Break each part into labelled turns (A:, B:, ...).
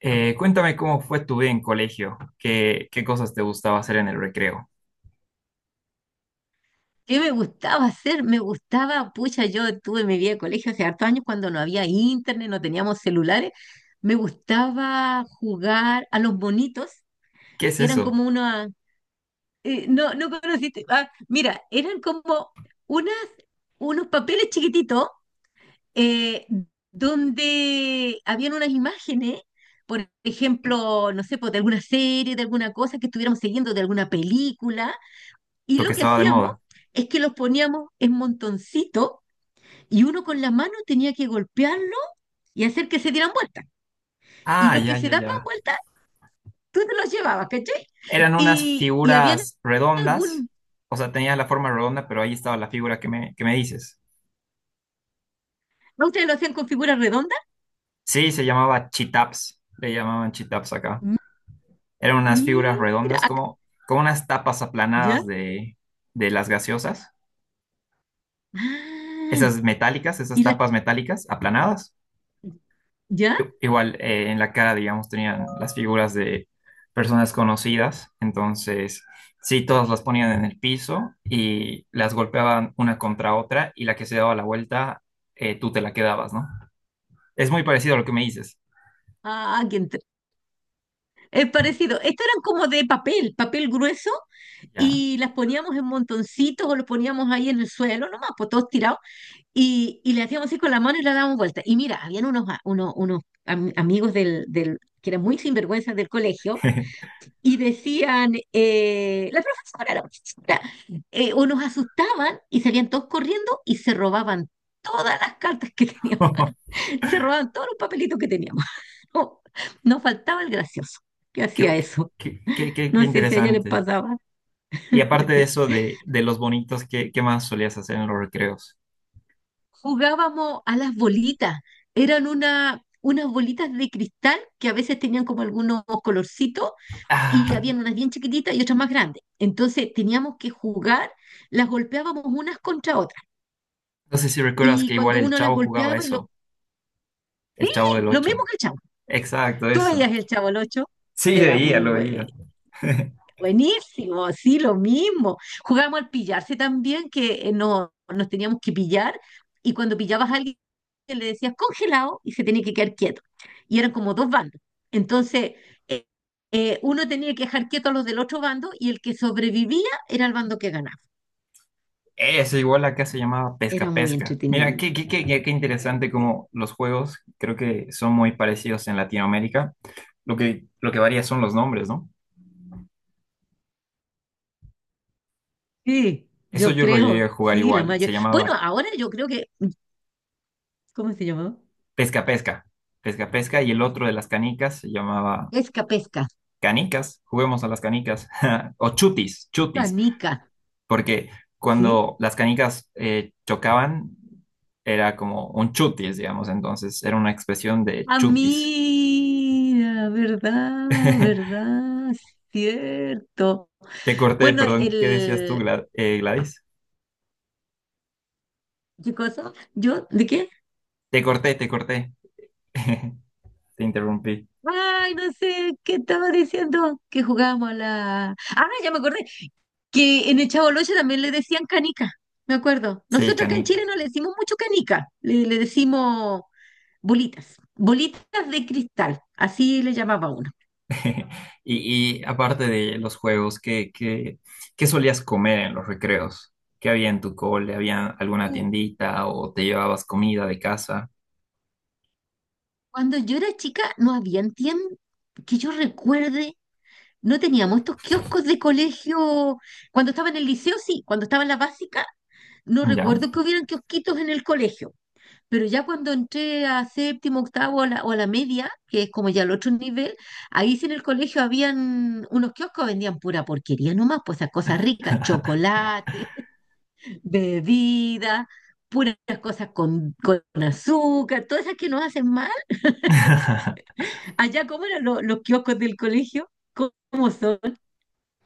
A: Cuéntame cómo fue tu vida en colegio, qué cosas te gustaba hacer en el recreo.
B: ¿Qué me gustaba hacer? Me gustaba, pucha, yo tuve mi vida de colegio hace hartos años cuando no había internet, no teníamos celulares. Me gustaba jugar a los bonitos,
A: ¿Qué es
B: que eran
A: eso?
B: como una, no, no conociste. Ah, mira, eran como unas, unos papeles chiquititos, eh, donde habían unas imágenes, por ejemplo, no sé, pues, de alguna serie, de alguna cosa que estuviéramos siguiendo, de alguna película, y
A: Lo que
B: lo que
A: estaba de
B: hacíamos
A: moda.
B: es que los poníamos en montoncitos y uno con la mano tenía que golpearlo y hacer que se dieran vueltas. Y
A: Ah,
B: los que
A: ya,
B: se
A: ya,
B: daban
A: ya.
B: vueltas, tú te los llevabas, ¿cachai?
A: Eran unas
B: Y habían
A: figuras redondas,
B: algún.
A: o sea, tenía la forma redonda, pero ahí estaba la figura que me dices.
B: ¿No? ¿Ustedes lo hacían con figuras redondas?
A: Sí, se llamaba chitaps, le llamaban chitaps acá.
B: M-
A: Eran unas figuras
B: Mira,
A: redondas como, como unas tapas
B: ¿ya?
A: aplanadas de las gaseosas,
B: Ah,
A: esas metálicas, esas
B: y la.
A: tapas metálicas aplanadas.
B: ¿Ya?
A: Igual en la cara, digamos, tenían las figuras de personas conocidas, entonces sí, todas las ponían en el piso y las golpeaban una contra otra y la que se daba la vuelta, tú te la quedabas, ¿no? Es muy parecido a lo que me dices.
B: Ah, es parecido. Estos eran como de papel, papel grueso,
A: Ya.
B: y las poníamos en montoncitos o los poníamos ahí en el suelo, nomás, pues todos tirados. Y le hacíamos así con la mano y la dábamos vuelta. Y mira, habían unos, amigos del que eran muy sinvergüenzas del colegio y decían, la profesora, o nos asustaban y salían todos corriendo y se robaban todas las cartas que teníamos, se robaban todos los papelitos que teníamos. No, nos faltaba el gracioso que
A: Qué,
B: hacía eso.
A: qué
B: No sé si a ella le
A: interesante.
B: pasaba.
A: Y aparte de eso, de los bonitos, ¿qué más solías hacer en los recreos?
B: Jugábamos a las bolitas. Eran unas bolitas de cristal que a veces tenían como algunos colorcitos y
A: Ah,
B: habían unas bien chiquititas y otras más grandes. Entonces teníamos que jugar, las golpeábamos unas contra otras.
A: no sé si recuerdas
B: Y
A: que igual
B: cuando
A: el
B: uno las
A: Chavo jugaba
B: golpeaba, y lo,
A: eso, el Chavo
B: ¡pi!,
A: del
B: lo
A: Ocho.
B: mismo que el chavo.
A: Exacto,
B: Tú
A: eso.
B: veías el chavo el 8,
A: Sí,
B: era muy
A: veía, lo
B: bueno.
A: veía.
B: Buenísimo, sí, lo mismo. Jugábamos al pillarse también, que no, nos teníamos que pillar, y cuando pillabas a alguien le decías congelado y se tenía que quedar quieto. Y eran como dos bandos. Entonces, eh, uno tenía que dejar quieto a los del otro bando y el que sobrevivía era el bando que ganaba.
A: Eso, igual acá se llamaba pesca
B: Era muy
A: pesca. Mira,
B: entretenido.
A: qué interesante como los juegos creo que son muy parecidos en Latinoamérica. Lo que varía son los nombres, ¿no?
B: Sí,
A: Eso
B: yo
A: yo lo llegué a
B: creo,
A: jugar
B: sí, la
A: igual. Se
B: mayor. Bueno,
A: llamaba
B: ahora yo creo que, ¿cómo se llamaba?
A: pesca pesca. Pesca pesca y el otro de las canicas se llamaba
B: Pesca, pesca,
A: canicas. Juguemos a las canicas. O chutis, chutis.
B: canica,
A: Porque
B: ¿sí?
A: cuando las canicas chocaban, era como un chutis, digamos. Entonces era una expresión de
B: Ah,
A: chutis.
B: mira, verdad, verdad, cierto.
A: Te corté,
B: Bueno,
A: perdón, ¿qué decías tú,
B: el.
A: Gladys?
B: ¿Qué cosa? ¿Yo? ¿De qué?
A: Te corté, te corté. Te interrumpí.
B: Ay, no sé, ¿qué estaba diciendo? Que jugábamos a la. Ah, ya me acordé, que en el Chaboloche también le decían canica, me acuerdo.
A: Sí,
B: Nosotros acá en Chile
A: canicas.
B: no le decimos mucho canica, le decimos bolitas, bolitas de cristal, así le llamaba uno.
A: Y, y aparte de los juegos, ¿qué solías comer en los recreos? ¿Qué había en tu cole? ¿Había alguna
B: Uh,
A: tiendita o te llevabas comida de casa?
B: Cuando yo era chica no habían tiempo que yo recuerde. No teníamos estos kioscos de colegio. Cuando estaba en el liceo, sí. Cuando estaba en la básica, no
A: ¿Ya?
B: recuerdo que hubieran kiosquitos en el colegio. Pero ya cuando entré a séptimo, octavo a o a la media, que es como ya el otro nivel, ahí sí en el colegio habían unos kioscos, vendían pura porquería nomás, pues esas cosas ricas, chocolate, bebida, puras cosas con azúcar, todas esas que nos hacen mal. Allá, ¿cómo eran los kioscos del colegio? ¿Cómo son?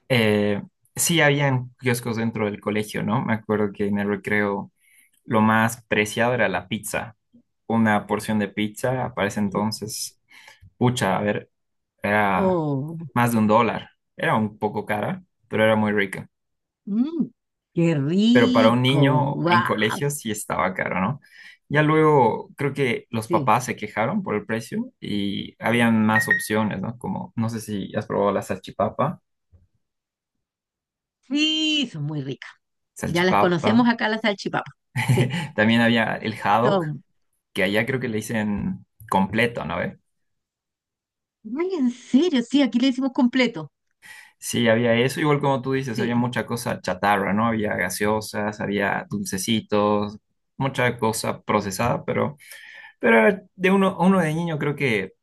A: Eh, sí, habían kioscos dentro del colegio, ¿no? Me acuerdo que en el recreo lo más preciado era la pizza. Una porción de pizza, para ese entonces, pucha, a ver, era
B: Oh.
A: más de un dólar. Era un poco cara, pero era muy rica.
B: Mm, qué
A: Pero para un
B: rico.
A: niño en
B: ¡Wow!
A: colegio sí estaba caro, ¿no? Ya luego creo que los
B: Sí,
A: papás se quejaron por el precio y habían más opciones, ¿no? Como, no sé si has probado la salchipapa,
B: sí, son muy ricas. Ya las
A: salchipapa.
B: conocemos acá, las salchipapas. Sí,
A: También había el haddock,
B: son.
A: que allá creo que le dicen completo, ¿no?
B: Ay, en serio, sí, aquí le decimos completo.
A: Sí, había eso, igual como tú dices, había
B: Sí,
A: mucha cosa chatarra, ¿no? Había gaseosas, había dulcecitos, mucha cosa procesada, pero era de uno, a uno de niño creo que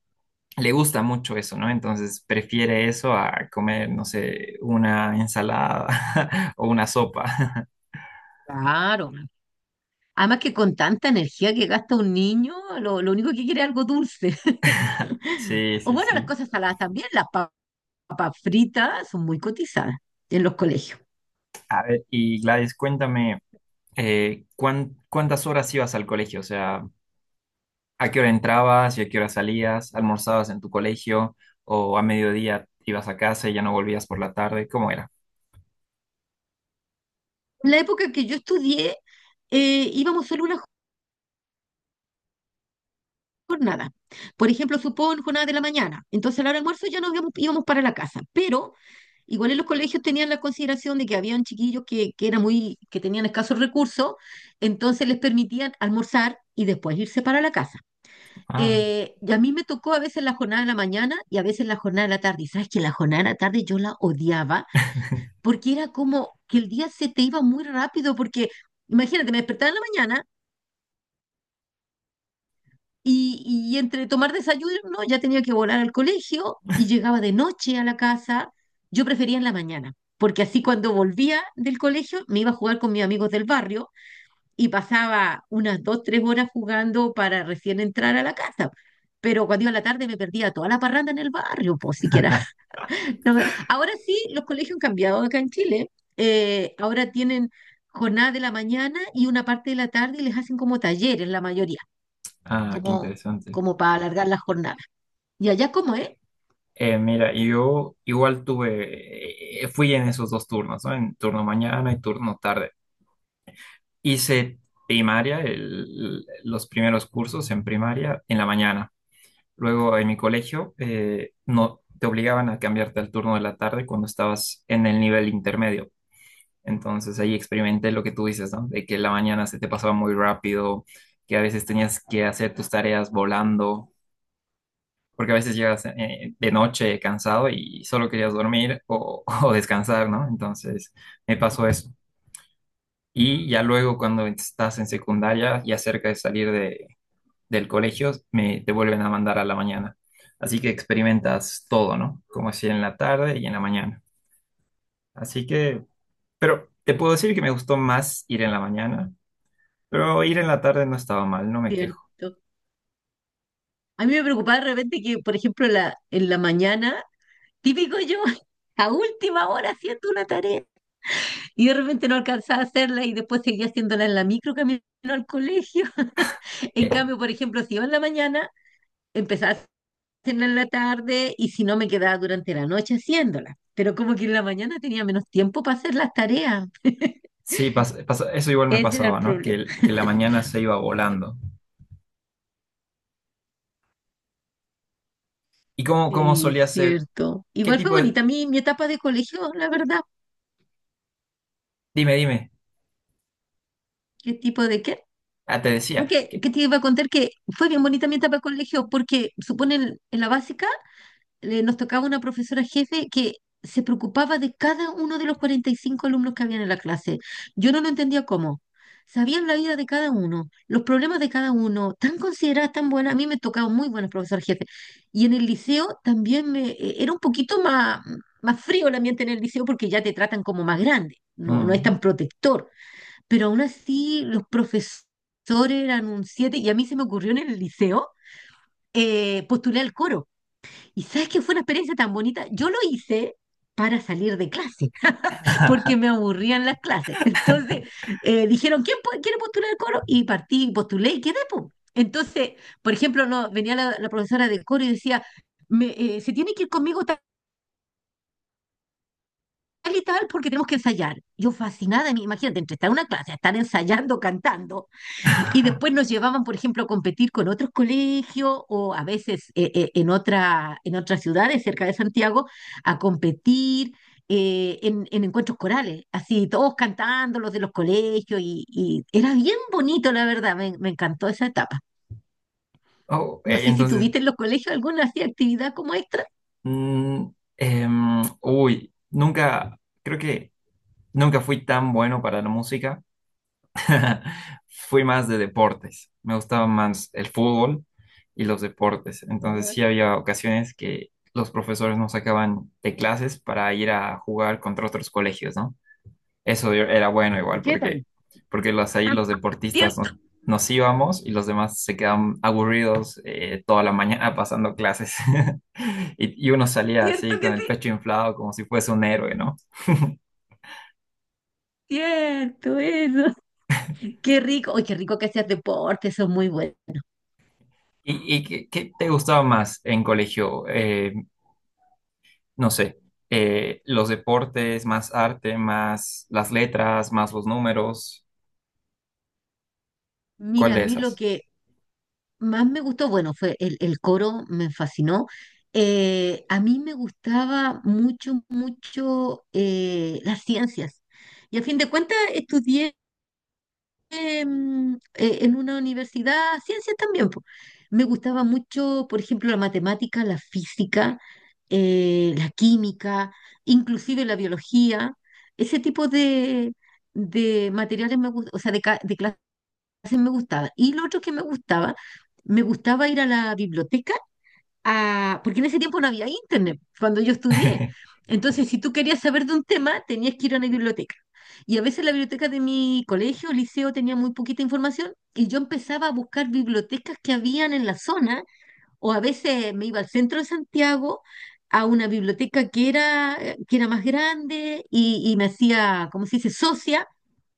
A: le gusta mucho eso, ¿no? Entonces prefiere eso a comer, no sé, una ensalada o una sopa.
B: claro. Además que con tanta energía que gasta un niño, lo único que quiere es algo dulce.
A: Sí,
B: O
A: sí,
B: bueno, las
A: sí.
B: cosas saladas también, papas fritas son muy cotizadas en los colegios.
A: A ver, y Gladys, cuéntame, ¿cuán- cuántas horas ibas al colegio? O sea, ¿a qué hora entrabas y a qué hora salías? ¿Almorzabas en tu colegio o a mediodía ibas a casa y ya no volvías por la tarde? ¿Cómo era?
B: En la época que yo estudié, íbamos solo una jornada. Por ejemplo, supón jornada de la mañana. Entonces, a la hora del almuerzo ya nos íbamos, íbamos para la casa. Pero igual en los colegios tenían la consideración de que habían chiquillos que eran muy, que tenían escasos recursos, entonces les permitían almorzar y después irse para la casa.
A: Ah,
B: Y a mí me tocó a veces la jornada de la mañana y a veces la jornada de la tarde. Y sabes que la jornada de la tarde yo la odiaba porque era como que el día se te iba muy rápido porque, imagínate, me despertaba en la mañana. Y entre tomar desayuno, ¿no?, ya tenía que volar al colegio y llegaba de noche a la casa. Yo prefería en la mañana, porque así cuando volvía del colegio me iba a jugar con mis amigos del barrio y pasaba unas dos, tres horas jugando para recién entrar a la casa. Pero cuando iba a la tarde me perdía toda la parranda en el barrio, pues siquiera. No me- Ahora sí, los colegios han cambiado acá en Chile. Ahora tienen jornada de la mañana y una parte de la tarde y les hacen como talleres la mayoría,
A: ah, qué
B: como
A: interesante.
B: como para alargar las jornadas. Y allá cómo es,
A: Mira, yo igual tuve, fui en esos dos turnos, ¿no? En turno mañana y turno tarde. Hice primaria, los primeros cursos en primaria en la mañana. Luego en mi colegio no te obligaban a cambiarte al turno de la tarde cuando estabas en el nivel intermedio. Entonces ahí experimenté lo que tú dices, ¿no? De que la mañana se te pasaba muy rápido, que a veces tenías que hacer tus tareas volando, porque a veces llegas de noche cansado y solo querías dormir o, o descansar, ¿no? Entonces me pasó eso. Y ya luego cuando estás en secundaria y cerca de salir de, del colegio, te vuelven a mandar a la mañana. Así que experimentas todo, ¿no? Como si en la tarde y en la mañana. Así que, pero te puedo decir que me gustó más ir en la mañana. Pero ir en la tarde no estaba mal, no me
B: ¿cierto?
A: quejo.
B: A mí me preocupaba de repente que, por ejemplo, en la mañana, típico yo, a última hora haciendo una tarea y de repente no alcanzaba a hacerla y después seguía haciéndola en la micro camino al colegio. En
A: Eh,
B: cambio, por ejemplo, si iba en la mañana, empezaba a hacerla en la tarde y si no, me quedaba durante la noche haciéndola. Pero como que en la mañana tenía menos tiempo para hacer las tareas.
A: sí, eso igual me
B: Ese era el
A: pasaba, ¿no? Que,
B: problema.
A: que la mañana se iba volando. ¿Y cómo
B: Sí,
A: solía ser?
B: cierto.
A: ¿Qué
B: Igual fue
A: tipo de...?
B: bonita mi etapa de colegio, la verdad.
A: Dime, dime.
B: ¿Qué tipo de qué?
A: Ah, te decía
B: Aunque,
A: que...
B: ¿qué te iba a contar? Que fue bien bonita mi etapa de colegio porque, suponen, en la básica nos tocaba una profesora jefe que se preocupaba de cada uno de los 45 alumnos que habían en la clase. Yo no lo entendía cómo. Sabían la vida de cada uno, los problemas de cada uno, tan consideradas, tan buenas. A mí me tocaban muy buenas profesoras jefes. Y en el liceo también era un poquito más, más frío el ambiente en el liceo porque ya te tratan como más grande, no, no es
A: Mm.
B: tan protector. Pero aún así los profesores eran un siete y a mí se me ocurrió en el liceo postular al coro. Y sabes que fue una experiencia tan bonita. Yo lo hice para salir de clase, porque me aburrían las clases. Entonces dijeron, ¿quién quiere postular el coro? Y partí, postulé y quedé, po. Entonces, por ejemplo, no, venía la profesora del coro y decía, me, se tiene que ir conmigo tal y tal porque tenemos que ensayar. Yo fascinada, imagínate, entre estar en una clase, estar ensayando, cantando. Y después nos llevaban, por ejemplo, a competir con otros colegios o a veces en en otras ciudades cerca de Santiago a competir, en encuentros corales, así todos cantando los de los colegios y era bien bonito, la verdad, me encantó esa etapa.
A: Oh,
B: No sé si
A: entonces,
B: tuviste en los colegios alguna así actividad como extra.
A: mm, nunca, creo que nunca fui tan bueno para la música. Fui más de deportes. Me gustaba más el fútbol y los deportes. Entonces
B: Ya.
A: sí había ocasiones que los profesores nos sacaban de clases para ir a jugar contra otros colegios, ¿no? Era bueno
B: ¿Y
A: igual
B: qué
A: porque,
B: tal?
A: porque ahí los deportistas
B: Cierto,
A: nos íbamos y los demás se quedaban aburridos toda la mañana pasando clases. Y, y uno salía así
B: cierto que
A: con el
B: sí.
A: pecho inflado como si fuese un héroe, ¿no?
B: Cierto, eso. Qué rico. Oye, qué rico que hacías deporte, eso es muy bueno.
A: Y qué, qué te gustaba más en colegio? No sé, los deportes, más arte, más las letras, más los números, ¿cuál
B: Mira, a
A: de
B: mí lo
A: esas?
B: que más me gustó, bueno, fue el coro, me fascinó. A mí me gustaba mucho, mucho, las ciencias. Y a fin de cuentas estudié, en una universidad, ciencias también. Po. Me gustaba mucho, por ejemplo, la matemática, la física, la química, inclusive la biología. Ese tipo de materiales me gusta, o sea, de clases me gustaba. Y lo otro que me gustaba ir a la biblioteca, a... porque en ese tiempo no había internet, cuando yo estudié. Entonces, si tú querías saber de un tema, tenías que ir a una biblioteca. Y a veces la biblioteca de mi colegio o liceo tenía muy poquita información y yo empezaba a buscar bibliotecas que habían en la zona, o a veces me iba al centro de Santiago a una biblioteca que era más grande y me hacía, como se dice, socia,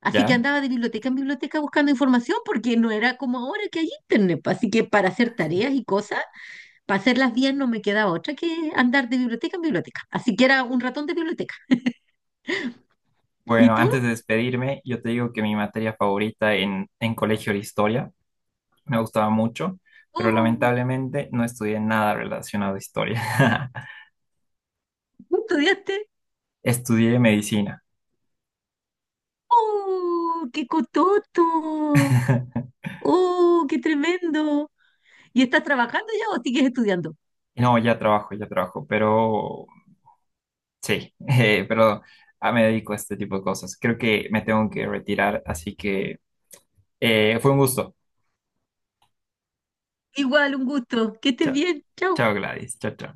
B: así que
A: ¿Ya?
B: andaba de biblioteca en biblioteca buscando información porque no era como ahora que hay internet, pa, así que para hacer tareas y cosas, para hacerlas bien no me quedaba otra que andar de biblioteca en biblioteca, así que era un ratón de biblioteca. ¿Y
A: Bueno,
B: tú?
A: antes de despedirme, yo te digo que mi materia favorita en colegio era historia, me gustaba mucho, pero
B: Oh,
A: lamentablemente no estudié nada relacionado a historia.
B: ¿tú estudiaste?
A: Estudié medicina.
B: ¡Oh, qué cototo! ¡Oh, qué tremendo! ¿Y estás trabajando ya o sigues estudiando?
A: No, ya trabajo, pero sí, pero ah, me dedico a este tipo de cosas. Creo que me tengo que retirar, así que fue un gusto.
B: Igual, un gusto. Que estés
A: Chao.
B: bien. Chau.
A: Chao, Gladys. Chao, chao.